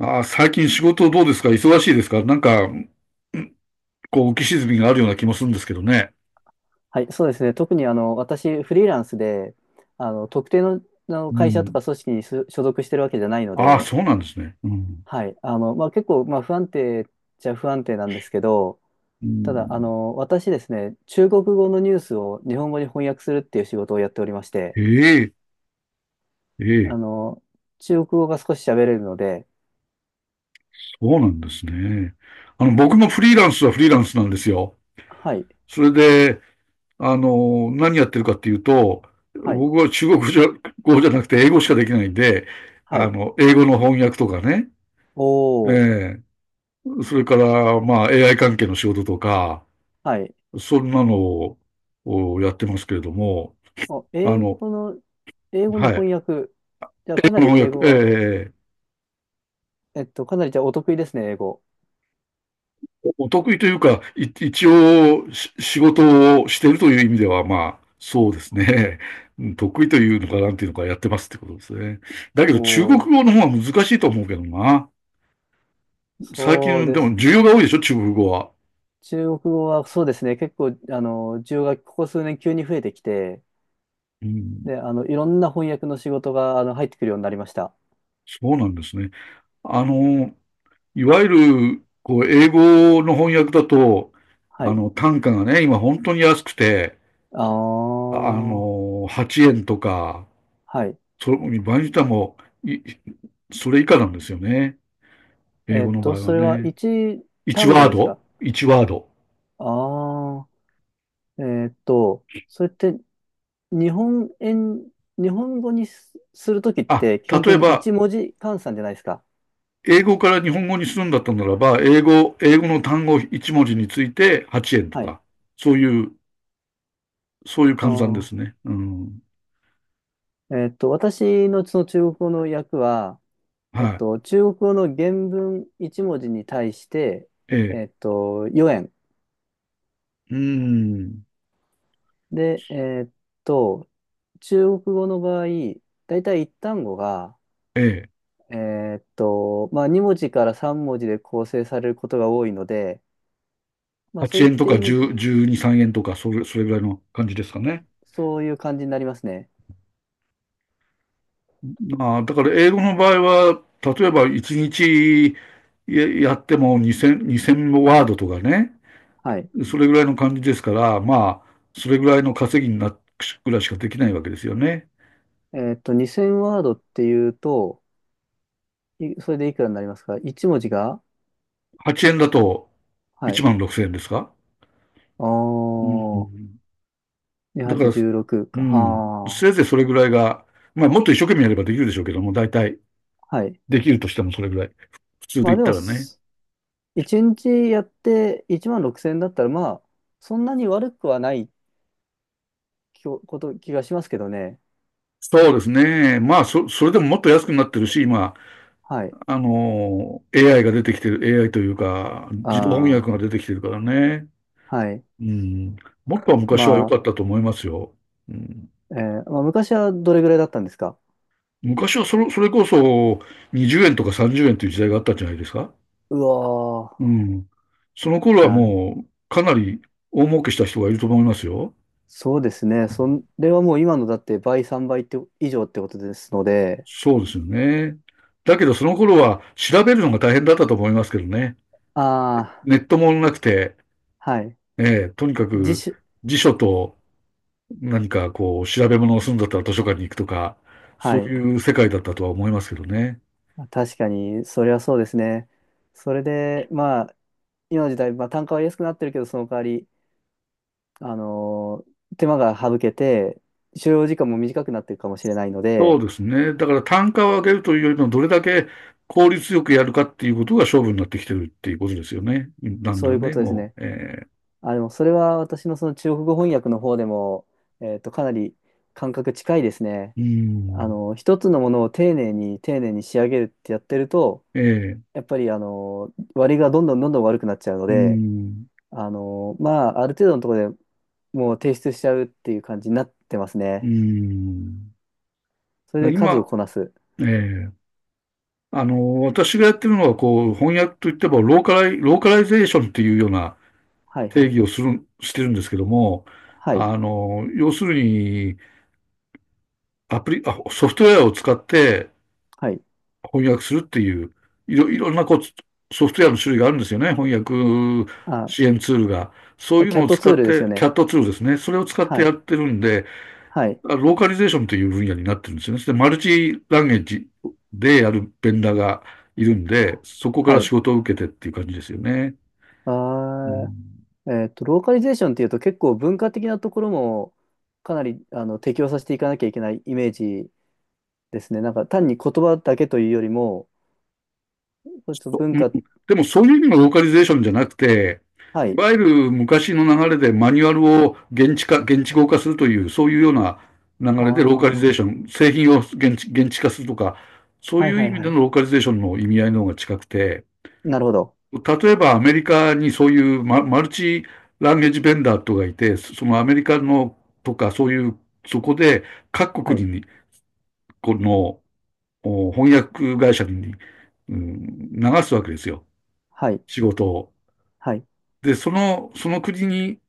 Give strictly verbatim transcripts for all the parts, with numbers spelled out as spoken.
ああ、最近仕事どうですか？忙しいですか？なんか、こう、浮き沈みがあるような気もするんですけどね。はい、そうですね。特にあの私、フリーランスで、あの特定の、あのう会社とん。か組織に所所属してるわけじゃないのああ、で、そうなんですね。うん。はい、あのまあ、結構、まあ、不安定っちゃ不安定なんですけど、うただ、あん、の私ですね、中国語のニュースを日本語に翻訳するっていう仕事をやっておりまして、ええ、えあえ、の中国語が少し喋れるので、そうなんですね。あの、僕もフリーランスはフリーランスなんですよ。はい、それで、あの、何やってるかっていうと、はい、僕は中国語じゃ、語じゃなくて英語しかできないんで、はあい、の、英語の翻訳とかね、おー、ええ、それから、まあ、エーアイ 関係の仕事とか、はい、そんなのををやってますけれども、お、あ英の、語の、英語のはい。翻訳、じゃあかこなのり翻英訳、語は、ええ、えっと、かなりじゃあお得意ですね、英語。お得意というか、い一応し仕事をしているという意味では、まあ、そうですね。うん、得意というのか、なんていうのか、やってますってことですね。だけおど、中国お、語の方は難しいと思うけどな。最そう近、ででも、す。需要が多いでしょ、中国語は。中国語はそうですね、結構、あの、需要がここ数年急に増えてきて、うん、で、あの、いろんな翻訳の仕事が、あの、入ってくるようになりました。そうなんですね。あの、いわゆる、こう、英語の翻訳だと、はあい。の、単価がね、今本当に安くて、ああ、あはの、はちえんとか、い。そ、場合によってはもう、い、それ以下なんですよね。英えっ語の場と、合はそれはね。一単語でワンワードすワか？ード ?ワンワード ワード。ああー、えっと、それって日本円、日本語にす、するときっあ、て基本例的えにば、一文字換算じゃないですか。英語から日本語にするんだったならば、英語、英語の単語いち文字についてはちえんとはい。か、そういう、そういう換算であすね。うん。あ、えっと、私のその中国語の訳は、えっはと、中国語の原文いち文字に対して、い。ええっえ。と、よえん。うん。で、えっと、中国語の場合、だいたい一単語が、ええ。えっと、まあ、に文字からさん文字で構成されることが多いので、まあ、そう8いっ円とたか意味、じゅう、じゅうに、さんえんとか、それ、それぐらいの感じですかね。そういう感じになりますね。まあ、だから英語の場合は、例えばいちにちややってもにせん、にせんワードとかね、はい。それぐらいの感じですから、まあ、それぐらいの稼ぎになっぐらいしかできないわけですよね。えっと、にせんワードっていうと、いそれでいくらになりますか？ いち 文字が、はちえんだとは1い。万ろくせんえんですか？あうー、ん。だから、にせんはっぴゃくじゅうろくうか。ん、はせいぜいそれぐらいが、まあ、もっと一生懸命やればできるでしょうけども、大体ー。はい。できるとしてもそれぐらい。普通まであ言っでたも、らね。そいちにちやっていちまんろくせんえんだったら、まあ、そんなに悪くはないきょこと、気がしますけどね。そうですね。まあ、そ、それでももっと安くなってるし、今、はい。あの、エーアイ が出てきてる、エーアイ というか、自動翻訳あが出てきてるからね。あ、はい。うん。もっとは昔は良まかあ、ったと思いますよ。うん。えーまあ、昔はどれぐらいだったんですか？昔はそれ、それこそにじゅうえんとかさんじゅうえんという時代があったんじゃないですか。うわうん。その頃ー、はなる。もうかなり大儲けした人がいると思いますよ。そうですね。それはもう今のだって倍、さんばいって以上ってことですので、そうですよね。だけどその頃は調べるのが大変だったと思いますけどね。ああ、ネットもなくて、はい。ええ、とにか自く主、辞書と何かこう、調べ物をするんだったら図書館に行くとか、そはうい。いう世界だったとは思いますけどね。確かに、それはそうですね。それで、まあ、今の時代、まあ、単価は安くなってるけど、その代わり、あのー手間が省けて、所要時間も短くなってるかもしれないのそで、うですね。だから単価を上げるというよりも、どれだけ効率よくやるかっていうことが勝負になってきてるっていうことですよね。だんそだういんうこね、とですもね。う。えあ、でもそれは私のその中国語翻訳の方でも、えっと、かなり感覚近いですね。ー、うーあん、の、一つのものを丁寧に丁寧に仕上げるってやってると、えー、やっぱりあの、割りがどんどんどんどん悪くなっちゃうのうーで、ん、あの、まあ、ある程度のところでもう提出しちゃうっていう感じになってますうね。ーん。それだからで数を今、こなす。えー、あの、私がやってるのは、こう、翻訳といっても、ローカライ、ローカライゼーションっていうようなはい定はい。義をする、してるんですけども、はい。あの、要するに、アプリ、あ、ソフトウェアを使ってはい。翻訳するっていう、いろ、いろんなこう、ソフトウェアの種類があるんですよね。翻訳あ、支援ツールが。そういうキャのッをト使ツーっルですて、よキャね。ットツールですね。それを使ってはやい、ってるんで、はい、ローカリゼーションという分野になってるんですよね。で、マルチランゲージでやるベンダーがいるんはで、い。そこかはら仕い、事を受けてっていう感じですよね。うあん、ー、えっと、ローカリゼーションっていうと結構文化的なところもかなりあの適応させていかなきゃいけないイメージですね。なんか単に言葉だけというよりも、ちょっと文うん。化、でもそういう意味のローカリゼーションじゃなくて、はいい。わゆる昔の流れでマニュアルを現地化、現地語化するという、そういうような流あれでローカあ、リはゼーション、製品を現地、現地化するとか、そいうはいう意い味はでのい。ローカリゼーションの意味合いの方が近くて、なるほど。例えばアメリカにそういうマ、マルチランゲージベンダーとかいて、そのアメリカのとかそういう、そこで各は国い、に、このお翻訳会社に、うん、流すわけですよ、はい、仕事を。はい。で、その、その国に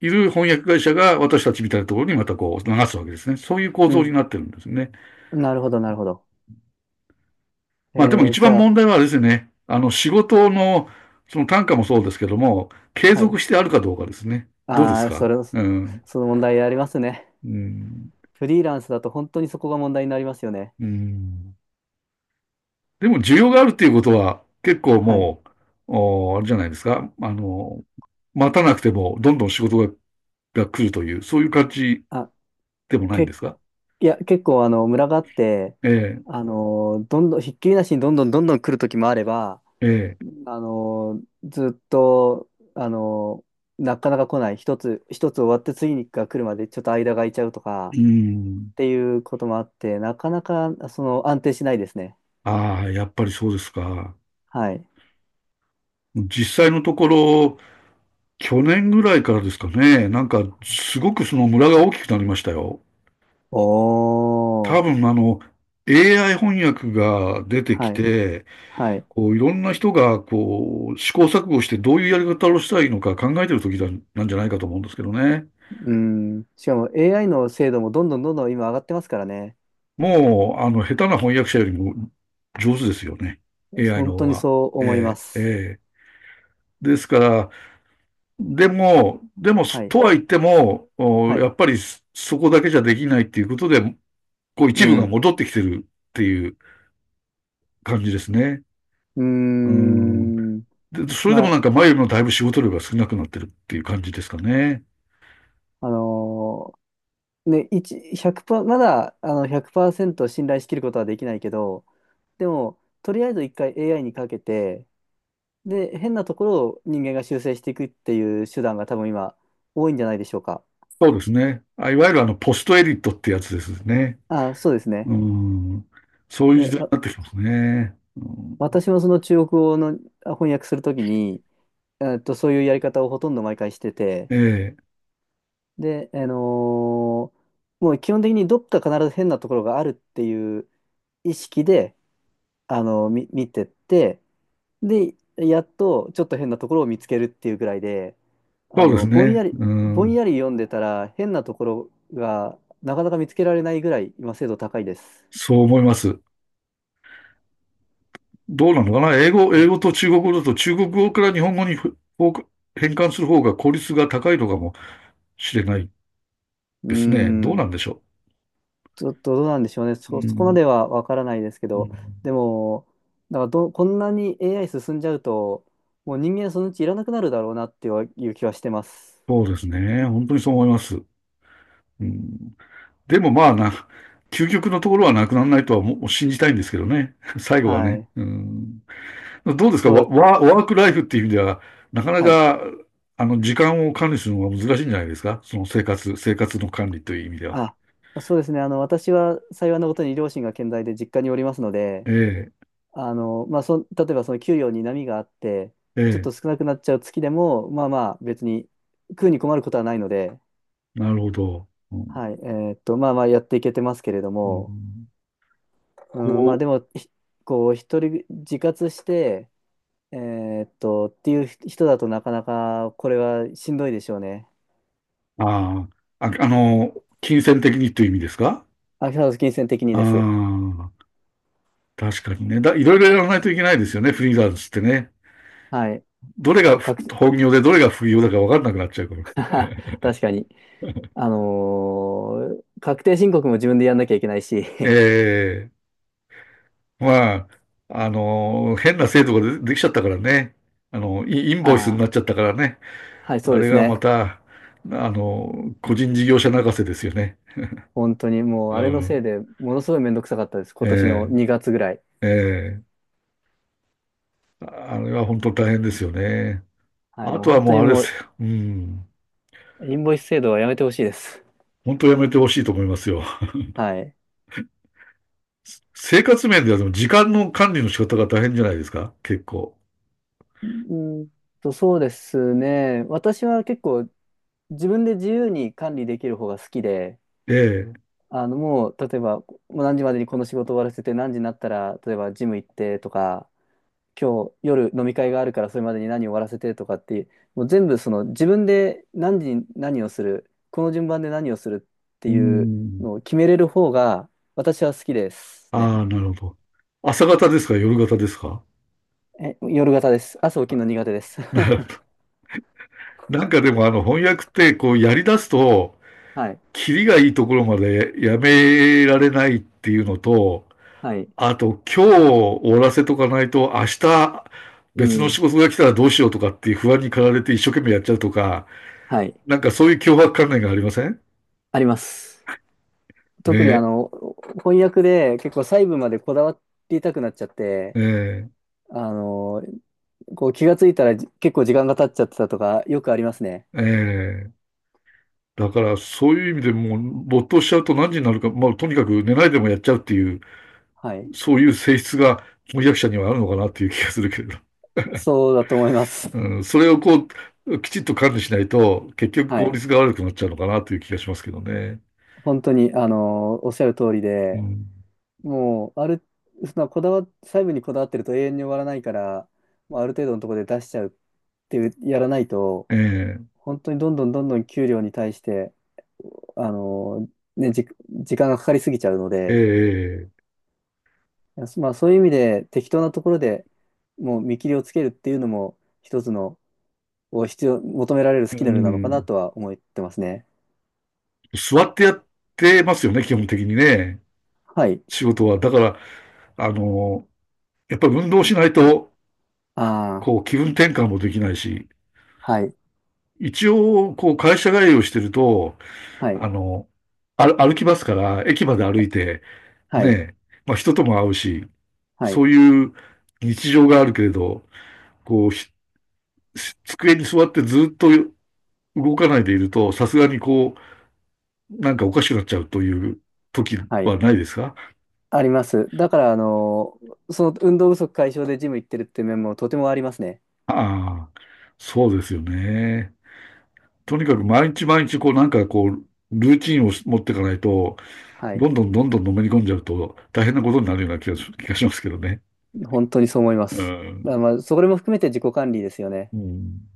いる翻訳会社が私たちみたいなところにまたこう流すわけですね。そういう構う造にん。なってるんですね。なるほど、なるほど。えまあでもー、一じ番ゃ問あ、題はですね、あの仕事のその単価もそうですけども、継はい。続してあるかどうかですね。どうですああ、そか？れ、うん。その問題ありますね。うん。フリーランスだと本当にそこが問題になりますよね。うん。でも需要があるっていうことは結構はい。もう、おあれじゃないですか。あの、待たなくてもどんどん仕事がが来るという、そういう感じあ、でもないんで結すか？いや、結構あの、村があって、えあの、どんどん、ひっきりなしにどんどんどんどん来る時もあれば、え、ええ、あの、ずっと、あの、なかなか来ない。一つ、一つ終わって次が来るまでちょっと間が空いちゃうとか、うん。っていうこともあって、なかなか、その、安定しないですね。ああ、やっぱりそうですか。はい。実際のところ、去年ぐらいからですかね、なんか、すごくその村が大きくなりましたよ。お多ー。分、あの、エーアイ 翻訳が出てきはい。て、はい。こう、いろんな人が、こう、試行錯誤してどういうやり方をしたらいいのか考えてる時だなんじゃないかと思うんですけどね。うん。しかも エーアイ の精度もどんどんどんどん今上がってますからね。もう、あの、下手な翻訳者よりも上手ですよね。エーアイ の本当方にが。そう思いまええ、えす。え。ですから、でも、でも、はい。とは言っても、はおやい。っぱりそそこだけじゃできないっていうことで、こう一う部がん。戻ってきてるっていう感じですね。うーうん。ん。で、それでまもあ、なんか前よりもだいぶ仕事量が少なくなってるっていう感じですかね。あのーね、一1 0まだ、あの、ひゃくパーセント信頼しきることはできないけど、でも、とりあえずいっかい エーアイ にかけて、で、変なところを人間が修正していくっていう手段が多分今、多いんじゃないでしょうか。そうですね。あ、いわゆるあの、ポストエディットってやつですね。あ、そうですね。うん。そういう時で、代にわなってきますね。うん、私もその中国語のあ翻訳するときに、えっと、そういうやり方をほとんど毎回してて、ええ。で、あのーもう基本的にどっか必ず変なところがあるっていう意識で、あの、み、見てって、で、やっとちょっと変なところを見つけるっていうぐらいで、そあうですの、ぼんね。やり、うぼんん。やり読んでたら変なところがなかなか見つけられないぐらい今精度高いです。そう思います。どうなのかな、英語、英語あ、と中国語だと中国語から日本語にふ変換する方が効率が高いのかもしれないうーですね。どうなん、んでしょちょっとどうなんでしょうね。う。うそ、そこまん、ではわからないですけうん、ど、でも、なんかど、こんなに エーアイ 進んじゃうと、もう人間そのうちいらなくなるだろうなっていう気はしてます。そうですね。本当にそう思います。うん、でもまあな、究極のところはなくならないとはもう信じたいんですけどね。最後ははね。い。うん、どうですか、そうワ、だ。ワワークライフっていう意味では、なかなはい。か、あの、時間を管理するのが難しいんじゃないですか？その生活、生活の管理という意味では。あ、そうですね。あの、私は幸いなことに両親が健在で実家におりますので、えあの、まあ、そ、例えばその給料に波があって、え、ちょっえと少なくなっちゃう月でも、まあまあ別に食うに困ることはないので、え、なるほど。はい、えーっと、まあまあやっていけてますけれどうも、ん、うん、まあこでも、ひこう、一人自活して、えーっと、っていう人だとなかなかこれはしんどいでしょうね。う、ああ、あ、あの、金銭的にという意味ですか？アキハウス金銭的にあです。あ、確かにね。だ、いろいろやらないといけないですよね、フリーランスってね。はい。どれがふ確 本業でどれが副業だか分かんなくなっちゃうから。確かに。あのー確定申告も自分でやんなきゃいけないし、ええ、まあ、あの、変な制度がで、できちゃったからね。あの、イインボイスになっああ、ちゃったからね。はい、そうあでれすがまね。た、あの、個人事業者泣かせですよね。本当にもう、うあれのせいん。でものすごいめんどくさかったです。今年のえにがつぐらい。え、ええ、ああれは本当大変ですよね。はい、あもうとは本当もうにあれでもすう、よ。うん。インボイス制度はやめてほしいです。本当やめてほしいと思いますよ。はい。生活面ではでも時間の管理の仕方が大変じゃないですか？結構。うーんと、そうですね。私は結構自分で自由に管理できる方が好きで、ええ。あの、もう、例えば、もう何時までにこの仕事終わらせて、何時になったら、例えばジム行ってとか、今日夜飲み会があるからそれまでに何を終わらせてとかって、もう全部その自分で何時に何をする、この順番で何をするってういうん。のを決めれる方が私は好きですね。ああ、なるほど。朝方ですか？夜型ですか？ え、夜型です。朝起きるの苦手です。なんかでもあの翻訳ってこうやり出すと、はい。キリがいいところまでやめられないっていうのと、はい。あと今日終わらせとかないと明日う別のん。仕事が来たらどうしようとかっていう不安に駆られて一生懸命やっちゃうとか、はい。なんかそういう脅迫観念がありませんあります。特にあねの、翻訳で結構細部までこだわりたくなっちゃっえ？て、えあの、こう気がついたらじ結構時間が経っちゃってたとかよくありますね。ええーだからそういう意味でもう没頭しちゃうと何時になるか、まあとにかく寝ないでもやっちゃうっていう、はい。そういう性質が翻訳者にはあるのかなっていう気がするけれど。そうだと思います。うん、それをこう、きちっと管理しないと、結局は効い。率が悪くなっちゃうのかなという気がしますけどね。本当に、あのーおっしゃる通りうで、ん、もう、ある、そのこだわ、細部にこだわってると永遠に終わらないから、もうある程度のところで出しちゃうっていう、やらないと、え本当にどんどんどんどん給料に対して、あのーね、じ、時間がかかりすぎちゃうので、えええまあそういう意味で適当なところでもう見切りをつけるっていうのも一つの、を必要、求められるスうキルなのかなん、とは思ってますね。座ってやってますよね、基本的にね。はい。仕事は。だから、あの、やっぱり運動しないと、あこう、気分転換もできないし、あ、はい、一応、こう、会社帰りをしてると、はい、あの、あ歩きますから、駅まで歩いて、はい、ね、まあ人とも会うし、はそい、ういう日常があるけれど、こう、ひ机に座ってずっと動かないでいると、さすがにこう、なんかおかしくなっちゃうという時はい。はないですか？あります。だから、あの、その運動不足解消でジム行ってるって面もとてもありますね。ああ、そうですよね。とにかく毎日毎日こうなんかこう、ルーチンを持っていかないと、はい。どんどんどんどんのめり込んじゃうと大変なことになるような気がし気がしますけどね。本当にそう思いまうす。だかん。らまあ、それも含めて自己管理ですよね。うん。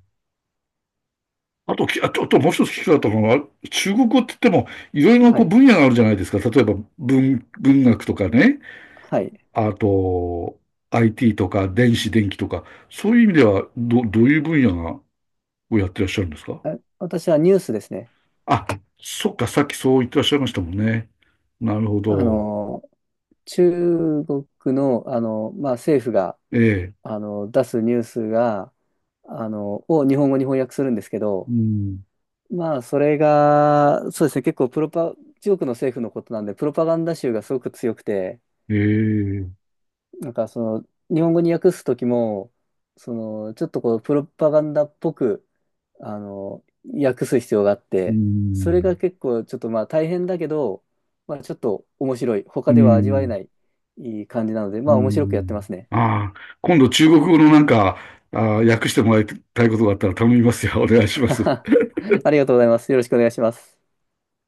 あと、きあと、あともう一つ聞きたかったのは、中国語って言っても、いろいろなはこうい。分野があるじゃないですか。例えば文、文学とかね、はい。あと、アイティー とか、電子、電気とか、そういう意味では、ど、どういう分野が、をやってらっしゃるんですか？あ、私はニュースですね。あ、そっか、さっきそう言ってらっしゃいましたもんね。なるほあど。の、中国の、あの、まあ、政府が、ええ。あの、出すニュースが、あの、を日本語に翻訳するんですけうど、ん。まあ、それが、そうですね、結構プロパ、中国の政府のことなんで、プロパガンダ臭がすごく強くて、ええ。なんかその、日本語に訳すときも、その、ちょっとこう、プロパガンダっぽく、あの、訳す必要があっうて、それん。が結構ちょっとまあ大変だけど、まあちょっと面白い。う他では味わえん。ない、いい感じなので、うまあ面白くやってまん。すね。ああ、今度中国語のなんか、ああ、訳してもらいたいことがあったら頼みますよ。お願いします。ありがとうございます。よろしくお願いします。